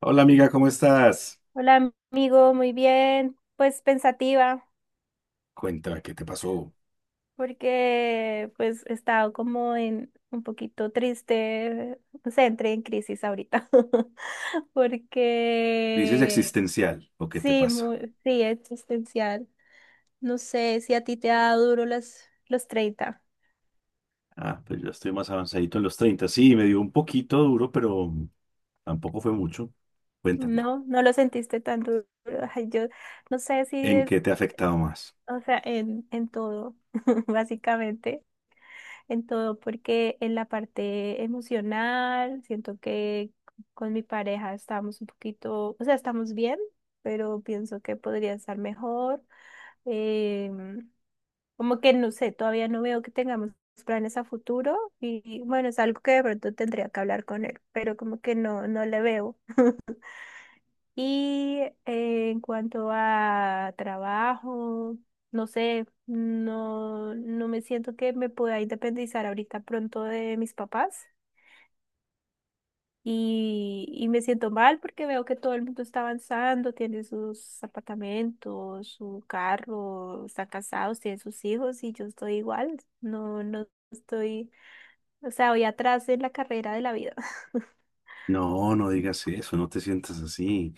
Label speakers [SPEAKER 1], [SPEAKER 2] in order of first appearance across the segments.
[SPEAKER 1] Hola amiga, ¿cómo estás?
[SPEAKER 2] Hola amigo, muy bien, pues pensativa,
[SPEAKER 1] Cuéntame, ¿qué te pasó?
[SPEAKER 2] porque pues he estado como en un poquito triste, no sé, entré en crisis ahorita,
[SPEAKER 1] Crisis
[SPEAKER 2] porque
[SPEAKER 1] existencial, ¿o qué te
[SPEAKER 2] sí,
[SPEAKER 1] pasa?
[SPEAKER 2] muy, sí, existencial. No sé si a ti te ha dado duro los 30.
[SPEAKER 1] Ah, pues yo estoy más avanzadito en los 30. Sí, me dio un poquito duro, pero tampoco fue mucho. Cuéntamelo.
[SPEAKER 2] ¿No? No lo sentiste tan duro. Ay, yo no sé si
[SPEAKER 1] ¿En qué
[SPEAKER 2] es,
[SPEAKER 1] te ha afectado más?
[SPEAKER 2] o sea, en todo, básicamente. En todo, porque en la parte emocional siento que con mi pareja estamos un poquito, o sea, estamos bien, pero pienso que podría estar mejor. em, Como que no sé, todavía no veo que tengamos planes a futuro y bueno, es algo que de pronto tendría que hablar con él, pero como que no, no le veo. Y en cuanto a trabajo, no sé, no, no me siento que me pueda independizar ahorita pronto de mis papás. Y me siento mal porque veo que todo el mundo está avanzando, tiene sus apartamentos, su carro, están casados, tienen sus hijos y yo estoy igual. No, no estoy, o sea, voy atrás en la carrera de la vida.
[SPEAKER 1] No, no digas eso, no te sientas así.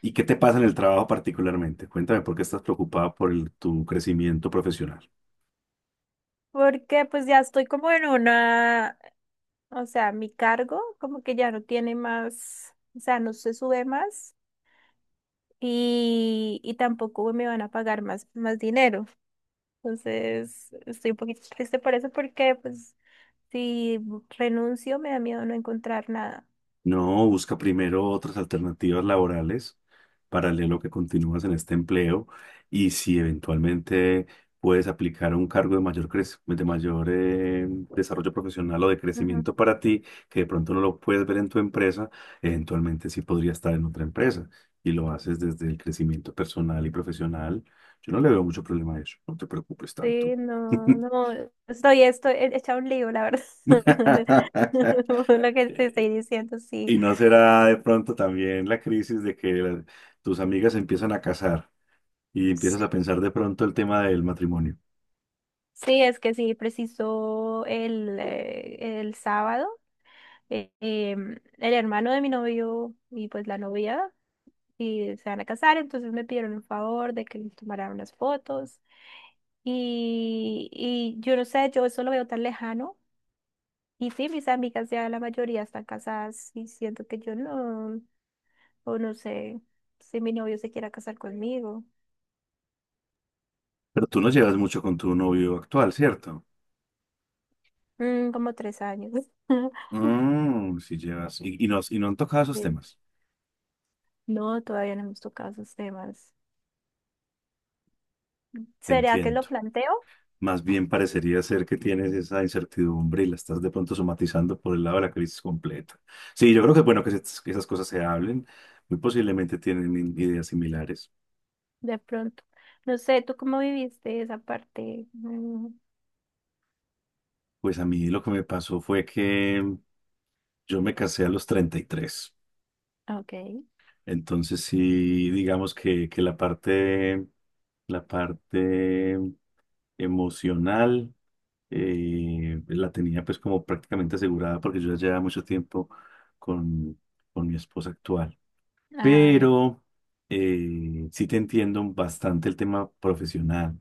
[SPEAKER 1] ¿Y qué te pasa en el trabajo particularmente? Cuéntame por qué estás preocupada por tu crecimiento profesional.
[SPEAKER 2] Porque pues ya estoy como en una. O sea, mi cargo como que ya no tiene más, o sea, no se sube más y tampoco me van a pagar más, más dinero. Entonces, estoy un poquito triste por eso porque pues si renuncio me da miedo no encontrar nada.
[SPEAKER 1] No, busca primero otras alternativas laborales paralelo que continúas en este empleo y si eventualmente puedes aplicar un cargo de mayor, de mayor desarrollo profesional o de
[SPEAKER 2] Ujú.
[SPEAKER 1] crecimiento para ti, que de pronto no lo puedes ver en tu empresa, eventualmente sí podría estar en otra empresa y lo haces desde el crecimiento personal y profesional. Yo no le veo mucho problema a eso, no te preocupes
[SPEAKER 2] Sí,
[SPEAKER 1] tanto.
[SPEAKER 2] no, no, estoy hecha un lío, la verdad. Por lo que te estoy diciendo, sí.
[SPEAKER 1] ¿Y no será de pronto también la crisis de que tus amigas se empiezan a casar y empiezas
[SPEAKER 2] Sí,
[SPEAKER 1] a pensar de pronto el tema del matrimonio?
[SPEAKER 2] sí, es que sí, preciso el sábado. El hermano de mi novio y pues la novia y se van a casar, entonces me pidieron un favor de que les tomara unas fotos y yo no sé, yo eso lo veo tan lejano y sí, mis amigas ya la mayoría están casadas y siento que yo no, o no sé si mi novio se quiera casar conmigo.
[SPEAKER 1] Pero tú no llevas mucho con tu novio actual, ¿cierto?
[SPEAKER 2] Como tres años.
[SPEAKER 1] Mm, sí llevas. Y no han tocado esos
[SPEAKER 2] Sí.
[SPEAKER 1] temas.
[SPEAKER 2] No, todavía no hemos tocado esos temas.
[SPEAKER 1] Te
[SPEAKER 2] ¿Será que lo
[SPEAKER 1] entiendo.
[SPEAKER 2] planteo?
[SPEAKER 1] Más bien parecería ser que tienes esa incertidumbre y la estás de pronto somatizando por el lado de la crisis completa. Sí, yo creo que es bueno que, que esas cosas se hablen. Muy posiblemente tienen ideas similares.
[SPEAKER 2] De pronto. No sé, ¿tú cómo viviste esa parte? Mm,
[SPEAKER 1] Pues a mí lo que me pasó fue que... Yo me casé a los treinta y tres.
[SPEAKER 2] ok.
[SPEAKER 1] Entonces sí, digamos que la parte emocional la tenía pues como prácticamente asegurada porque yo ya llevaba mucho tiempo con, con mi esposa actual.
[SPEAKER 2] Ah, bien.
[SPEAKER 1] Pero sí te entiendo bastante el tema profesional.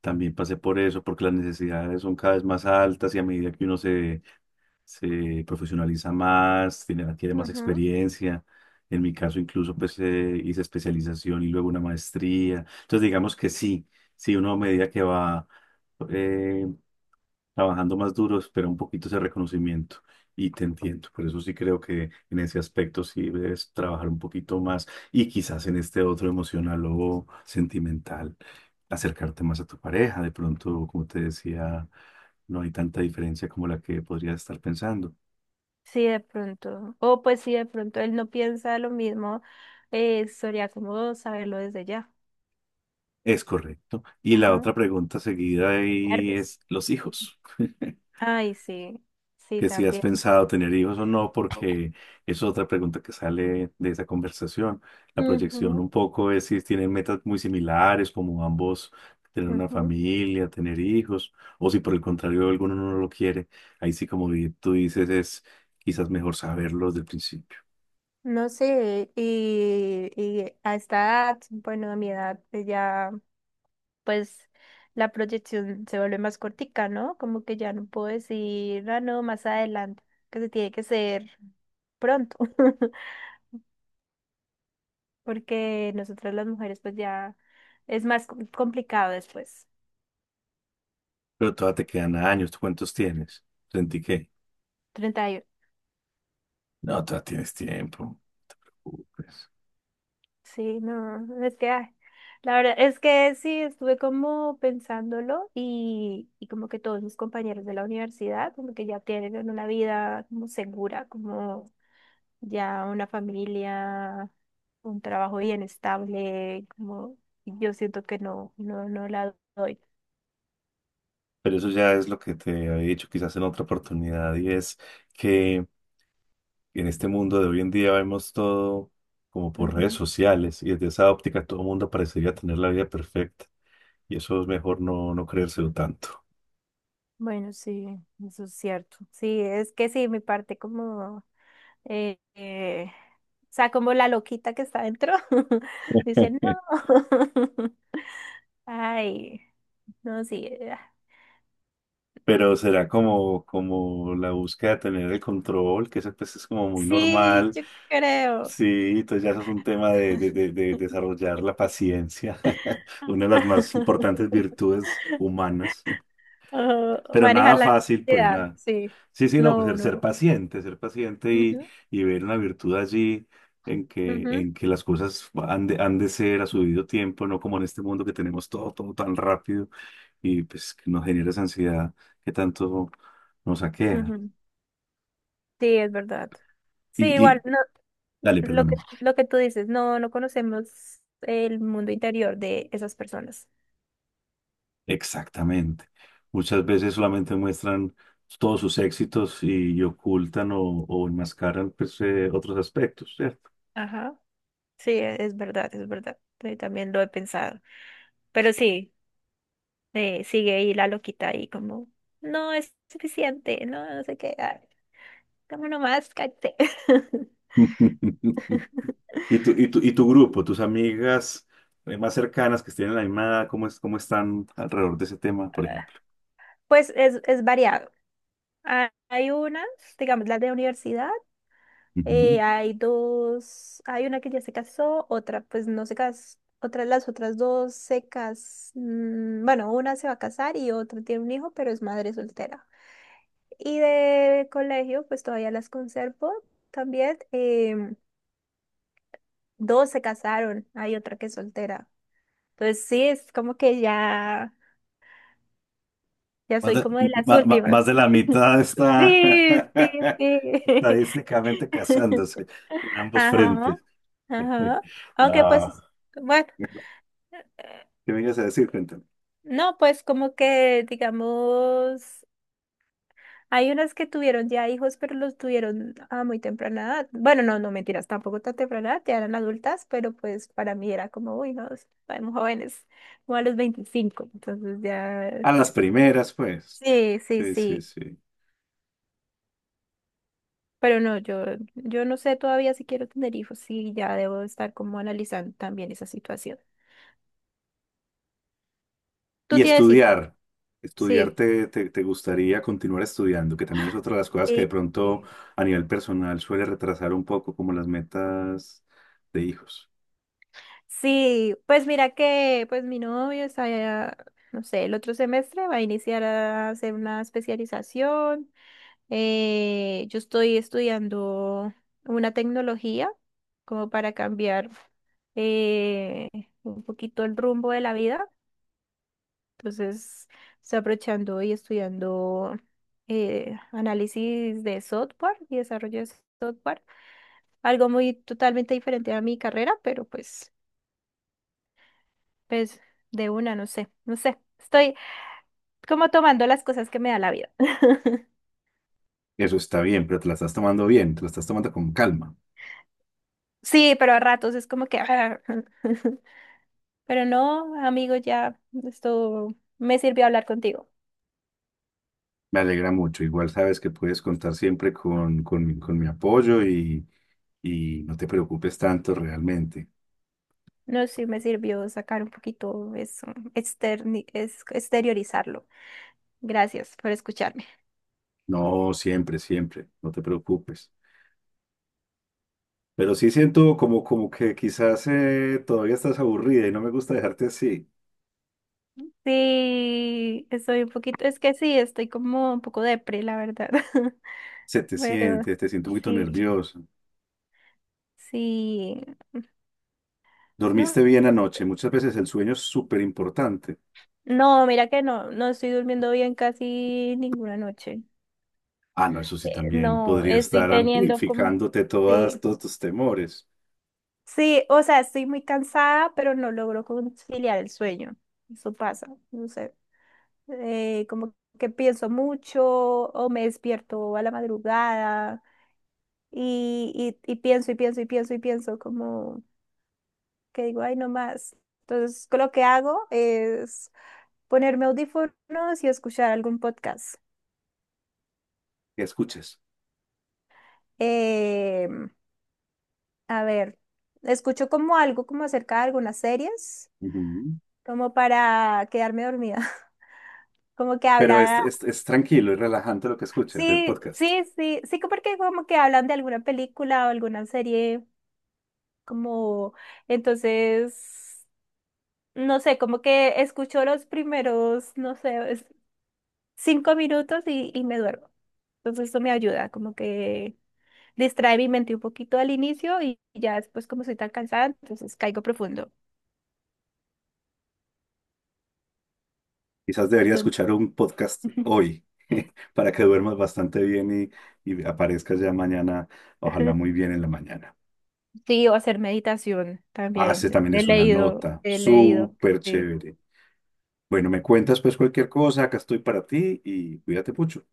[SPEAKER 1] También pasé por eso porque las necesidades son cada vez más altas y a medida que uno se profesionaliza más, tiene, adquiere más
[SPEAKER 2] Ujú.
[SPEAKER 1] experiencia. En mi caso, incluso, pues hice especialización y luego una maestría. Entonces, digamos que sí, sí, uno a medida que va eh, trabajando más duro, espera un poquito ese reconocimiento. Y te entiendo, por eso sí creo que en ese aspecto sí debes trabajar un poquito más y quizás en este otro emocional o sentimental, acercarte más a tu pareja. De pronto, como te decía, no hay tanta diferencia como la que podrías estar pensando.
[SPEAKER 2] Sí, de pronto. O pues sí, de pronto él no piensa lo mismo. Sería como saberlo desde ya.
[SPEAKER 1] Es correcto. Y la
[SPEAKER 2] Ajá.
[SPEAKER 1] otra pregunta seguida ahí
[SPEAKER 2] Nervios.
[SPEAKER 1] es los
[SPEAKER 2] Ujú.
[SPEAKER 1] hijos.
[SPEAKER 2] Ay, sí. Sí,
[SPEAKER 1] Que si has
[SPEAKER 2] también.
[SPEAKER 1] pensado tener hijos o no, porque es otra pregunta que sale de esa conversación. La proyección
[SPEAKER 2] Ujú,
[SPEAKER 1] un poco es si tienen metas muy similares, como ambos tener una
[SPEAKER 2] ujú.
[SPEAKER 1] familia, tener hijos, o si por el contrario alguno no lo quiere. Ahí sí, como tú dices, es quizás mejor saberlo desde el principio.
[SPEAKER 2] No sé, y a esta edad, bueno, a mi edad pues ya, pues la proyección se vuelve más cortica, ¿no? Como que ya no puedo decir, ah, no, más adelante, que se tiene que ser pronto, porque nosotras las mujeres pues ya es más complicado después.
[SPEAKER 1] Pero todavía te quedan años. ¿Tú cuántos tienes? Sentí que
[SPEAKER 2] 30.
[SPEAKER 1] no, todavía tienes tiempo. Pues.
[SPEAKER 2] Sí, no, no, es que ay, la verdad es que sí, estuve como pensándolo y como que todos mis compañeros de la universidad como que ya tienen una vida como segura, como ya una familia, un trabajo bien estable, como y yo siento que no, no, no la doy.
[SPEAKER 1] Pero eso ya es lo que te había dicho quizás en otra oportunidad y es que en este mundo de hoy en día vemos todo como por redes
[SPEAKER 2] Ujú.
[SPEAKER 1] sociales y desde esa óptica todo el mundo parecería tener la vida perfecta y eso es mejor no, no creérselo tanto.
[SPEAKER 2] Bueno, sí, eso es cierto. Sí, es que sí, mi parte como eh, eh, o sea, como la loquita que está dentro, dice, no. Ay, no, sí.
[SPEAKER 1] Pero será como, como la búsqueda de tener el control, que eso pues es como muy
[SPEAKER 2] Sí,
[SPEAKER 1] normal.
[SPEAKER 2] yo creo.
[SPEAKER 1] Sí, entonces ya eso es un tema de, de desarrollar la paciencia, una de las más importantes virtudes humanas.
[SPEAKER 2] Oh,
[SPEAKER 1] Pero
[SPEAKER 2] manejar
[SPEAKER 1] nada
[SPEAKER 2] la
[SPEAKER 1] fácil, pues
[SPEAKER 2] ansiedad,
[SPEAKER 1] nada.
[SPEAKER 2] sí.
[SPEAKER 1] Sí, sí, no, pues
[SPEAKER 2] No,
[SPEAKER 1] ser,
[SPEAKER 2] no.
[SPEAKER 1] ser paciente
[SPEAKER 2] Ujú,
[SPEAKER 1] y ver una virtud allí
[SPEAKER 2] ujú,
[SPEAKER 1] en que las cosas han de ser a su debido tiempo, no como en este mundo que tenemos todo, todo tan rápido y pues que nos genera esa ansiedad que tanto nos aqueja.
[SPEAKER 2] ujú. Sí, es verdad. Sí, igual,
[SPEAKER 1] Y
[SPEAKER 2] no,
[SPEAKER 1] dale,
[SPEAKER 2] lo que,
[SPEAKER 1] perdóname.
[SPEAKER 2] lo que tú dices, no, no conocemos el mundo interior de esas personas.
[SPEAKER 1] Exactamente. Muchas veces solamente muestran todos sus éxitos y ocultan o enmascaran pues, otros aspectos, ¿cierto?
[SPEAKER 2] Ajá. Sí, es verdad, es verdad. Sí, también lo he pensado. Pero sí, sigue ahí la loquita ahí como, no es suficiente, no, no sé qué, ay, dame nomás, cállate.
[SPEAKER 1] ¿Y tu, y tu, y tu grupo, tus amigas más cercanas que estén en la misma, cómo es, cómo están alrededor de ese tema, por ejemplo?
[SPEAKER 2] Pues es variado. Hay unas, digamos, las de universidad,
[SPEAKER 1] Ujú.
[SPEAKER 2] hay dos, hay una que ya se casó, otra pues no se casó, otras las otras dos bueno, una se va a casar y otra tiene un hijo, pero es madre soltera. Y de colegio, pues todavía las conservo también. Dos se casaron, hay otra que es soltera. Entonces sí, es como que ya, ya
[SPEAKER 1] Más
[SPEAKER 2] soy
[SPEAKER 1] de,
[SPEAKER 2] como de las últimas.
[SPEAKER 1] más de la mitad está
[SPEAKER 2] Sí, sí, sí.
[SPEAKER 1] estadísticamente casándose en ambos frentes.
[SPEAKER 2] Ajá, ajá. Aunque pues,
[SPEAKER 1] No.
[SPEAKER 2] bueno,
[SPEAKER 1] ¿Qué me ibas a decir? Cuéntame.
[SPEAKER 2] no, pues como que digamos. Hay unas que tuvieron ya hijos, pero los tuvieron a muy temprana edad. Bueno, no, no mentiras, tampoco tan temprana edad, ya eran adultas, pero pues para mí era como, uy, no, estamos jóvenes, como a los 25, entonces ya,
[SPEAKER 1] A las primeras, pues.
[SPEAKER 2] sí, sí,
[SPEAKER 1] Sí, sí,
[SPEAKER 2] sí,
[SPEAKER 1] sí.
[SPEAKER 2] pero no, yo no sé todavía si quiero tener hijos, sí, ya debo estar como analizando también esa situación. ¿Tú
[SPEAKER 1] Y
[SPEAKER 2] tienes hijos?
[SPEAKER 1] estudiar, estudiar
[SPEAKER 2] Sí.
[SPEAKER 1] te, te, te gustaría continuar estudiando, que también es otra de las cosas que de pronto
[SPEAKER 2] Sí.
[SPEAKER 1] a nivel personal suele retrasar un poco como las metas de hijos.
[SPEAKER 2] Sí, pues mira que pues mi novio está, ya, no sé, el otro semestre va a iniciar a hacer una especialización. Yo estoy estudiando una tecnología como para cambiar eh, un poquito el rumbo de la vida. Entonces, estoy aprovechando y estudiando análisis de software y desarrollo de software. Algo muy totalmente diferente a mi carrera, pero pues, de una, no sé, no sé. Estoy como tomando las cosas que me da la vida.
[SPEAKER 1] Eso está bien, pero te la estás tomando bien, te la estás tomando con calma.
[SPEAKER 2] Sí, pero a ratos es como que... Pero no, amigo, ya esto me sirvió hablar contigo.
[SPEAKER 1] Me alegra mucho. Igual sabes que puedes contar siempre con mi apoyo y no te preocupes tanto realmente.
[SPEAKER 2] No, sí, me sirvió sacar un poquito eso, exteriorizarlo. Gracias por escucharme.
[SPEAKER 1] No, siempre, siempre, no te preocupes. Pero sí siento como, como que quizás todavía estás aburrida y no me gusta dejarte así.
[SPEAKER 2] Sí, estoy un poquito, es que sí, estoy como un poco depre, la verdad.
[SPEAKER 1] Se te
[SPEAKER 2] Pero
[SPEAKER 1] siente, te siento un poquito
[SPEAKER 2] sí,
[SPEAKER 1] nervioso.
[SPEAKER 2] sí, no,
[SPEAKER 1] ¿Dormiste bien anoche? Muchas veces el sueño es súper importante.
[SPEAKER 2] no, mira que no, no estoy durmiendo bien casi ninguna noche.
[SPEAKER 1] Ah, no, eso sí también
[SPEAKER 2] No,
[SPEAKER 1] podría
[SPEAKER 2] estoy
[SPEAKER 1] estar
[SPEAKER 2] teniendo como,
[SPEAKER 1] amplificándote todas,
[SPEAKER 2] sí.
[SPEAKER 1] todos tus temores
[SPEAKER 2] Sí, o sea, estoy muy cansada, pero no logro conciliar el sueño. Eso pasa, no sé. Como que pienso mucho o me despierto a la madrugada y, y pienso y pienso y pienso y pienso como que digo, ay, no más. Entonces, lo que hago es ponerme audífonos y escuchar algún podcast.
[SPEAKER 1] que escuches.
[SPEAKER 2] Em, a ver, escucho como algo como acerca de algunas series,
[SPEAKER 1] Ujú.
[SPEAKER 2] como para quedarme dormida. Como que
[SPEAKER 1] Pero
[SPEAKER 2] hablan.
[SPEAKER 1] es tranquilo, es relajante lo que escuches, el
[SPEAKER 2] Sí,
[SPEAKER 1] podcast.
[SPEAKER 2] sí, sí, sí, que porque como que hablan de alguna película o alguna serie, como entonces, no sé, como que escucho los primeros, no sé, 5 minutos y me duermo. Entonces eso me ayuda, como que distrae mi mente un poquito al inicio y ya después como soy tan cansada, entonces caigo profundo.
[SPEAKER 1] Quizás deberías
[SPEAKER 2] Entonces,
[SPEAKER 1] escuchar un podcast hoy para que duermas bastante bien y aparezcas ya mañana, ojalá muy bien en la mañana.
[SPEAKER 2] sí, o hacer meditación
[SPEAKER 1] Ah,
[SPEAKER 2] también.
[SPEAKER 1] ese también
[SPEAKER 2] He
[SPEAKER 1] es una
[SPEAKER 2] leído,
[SPEAKER 1] nota
[SPEAKER 2] he leído.
[SPEAKER 1] súper
[SPEAKER 2] Sí.
[SPEAKER 1] chévere. Bueno, me cuentas pues cualquier cosa, acá estoy para ti y cuídate mucho.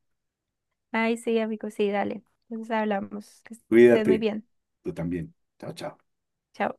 [SPEAKER 2] Ay, sí, amigo, sí, dale. Entonces hablamos. Que estés muy
[SPEAKER 1] Cuídate,
[SPEAKER 2] bien.
[SPEAKER 1] tú también. Chao, chao.
[SPEAKER 2] Chao.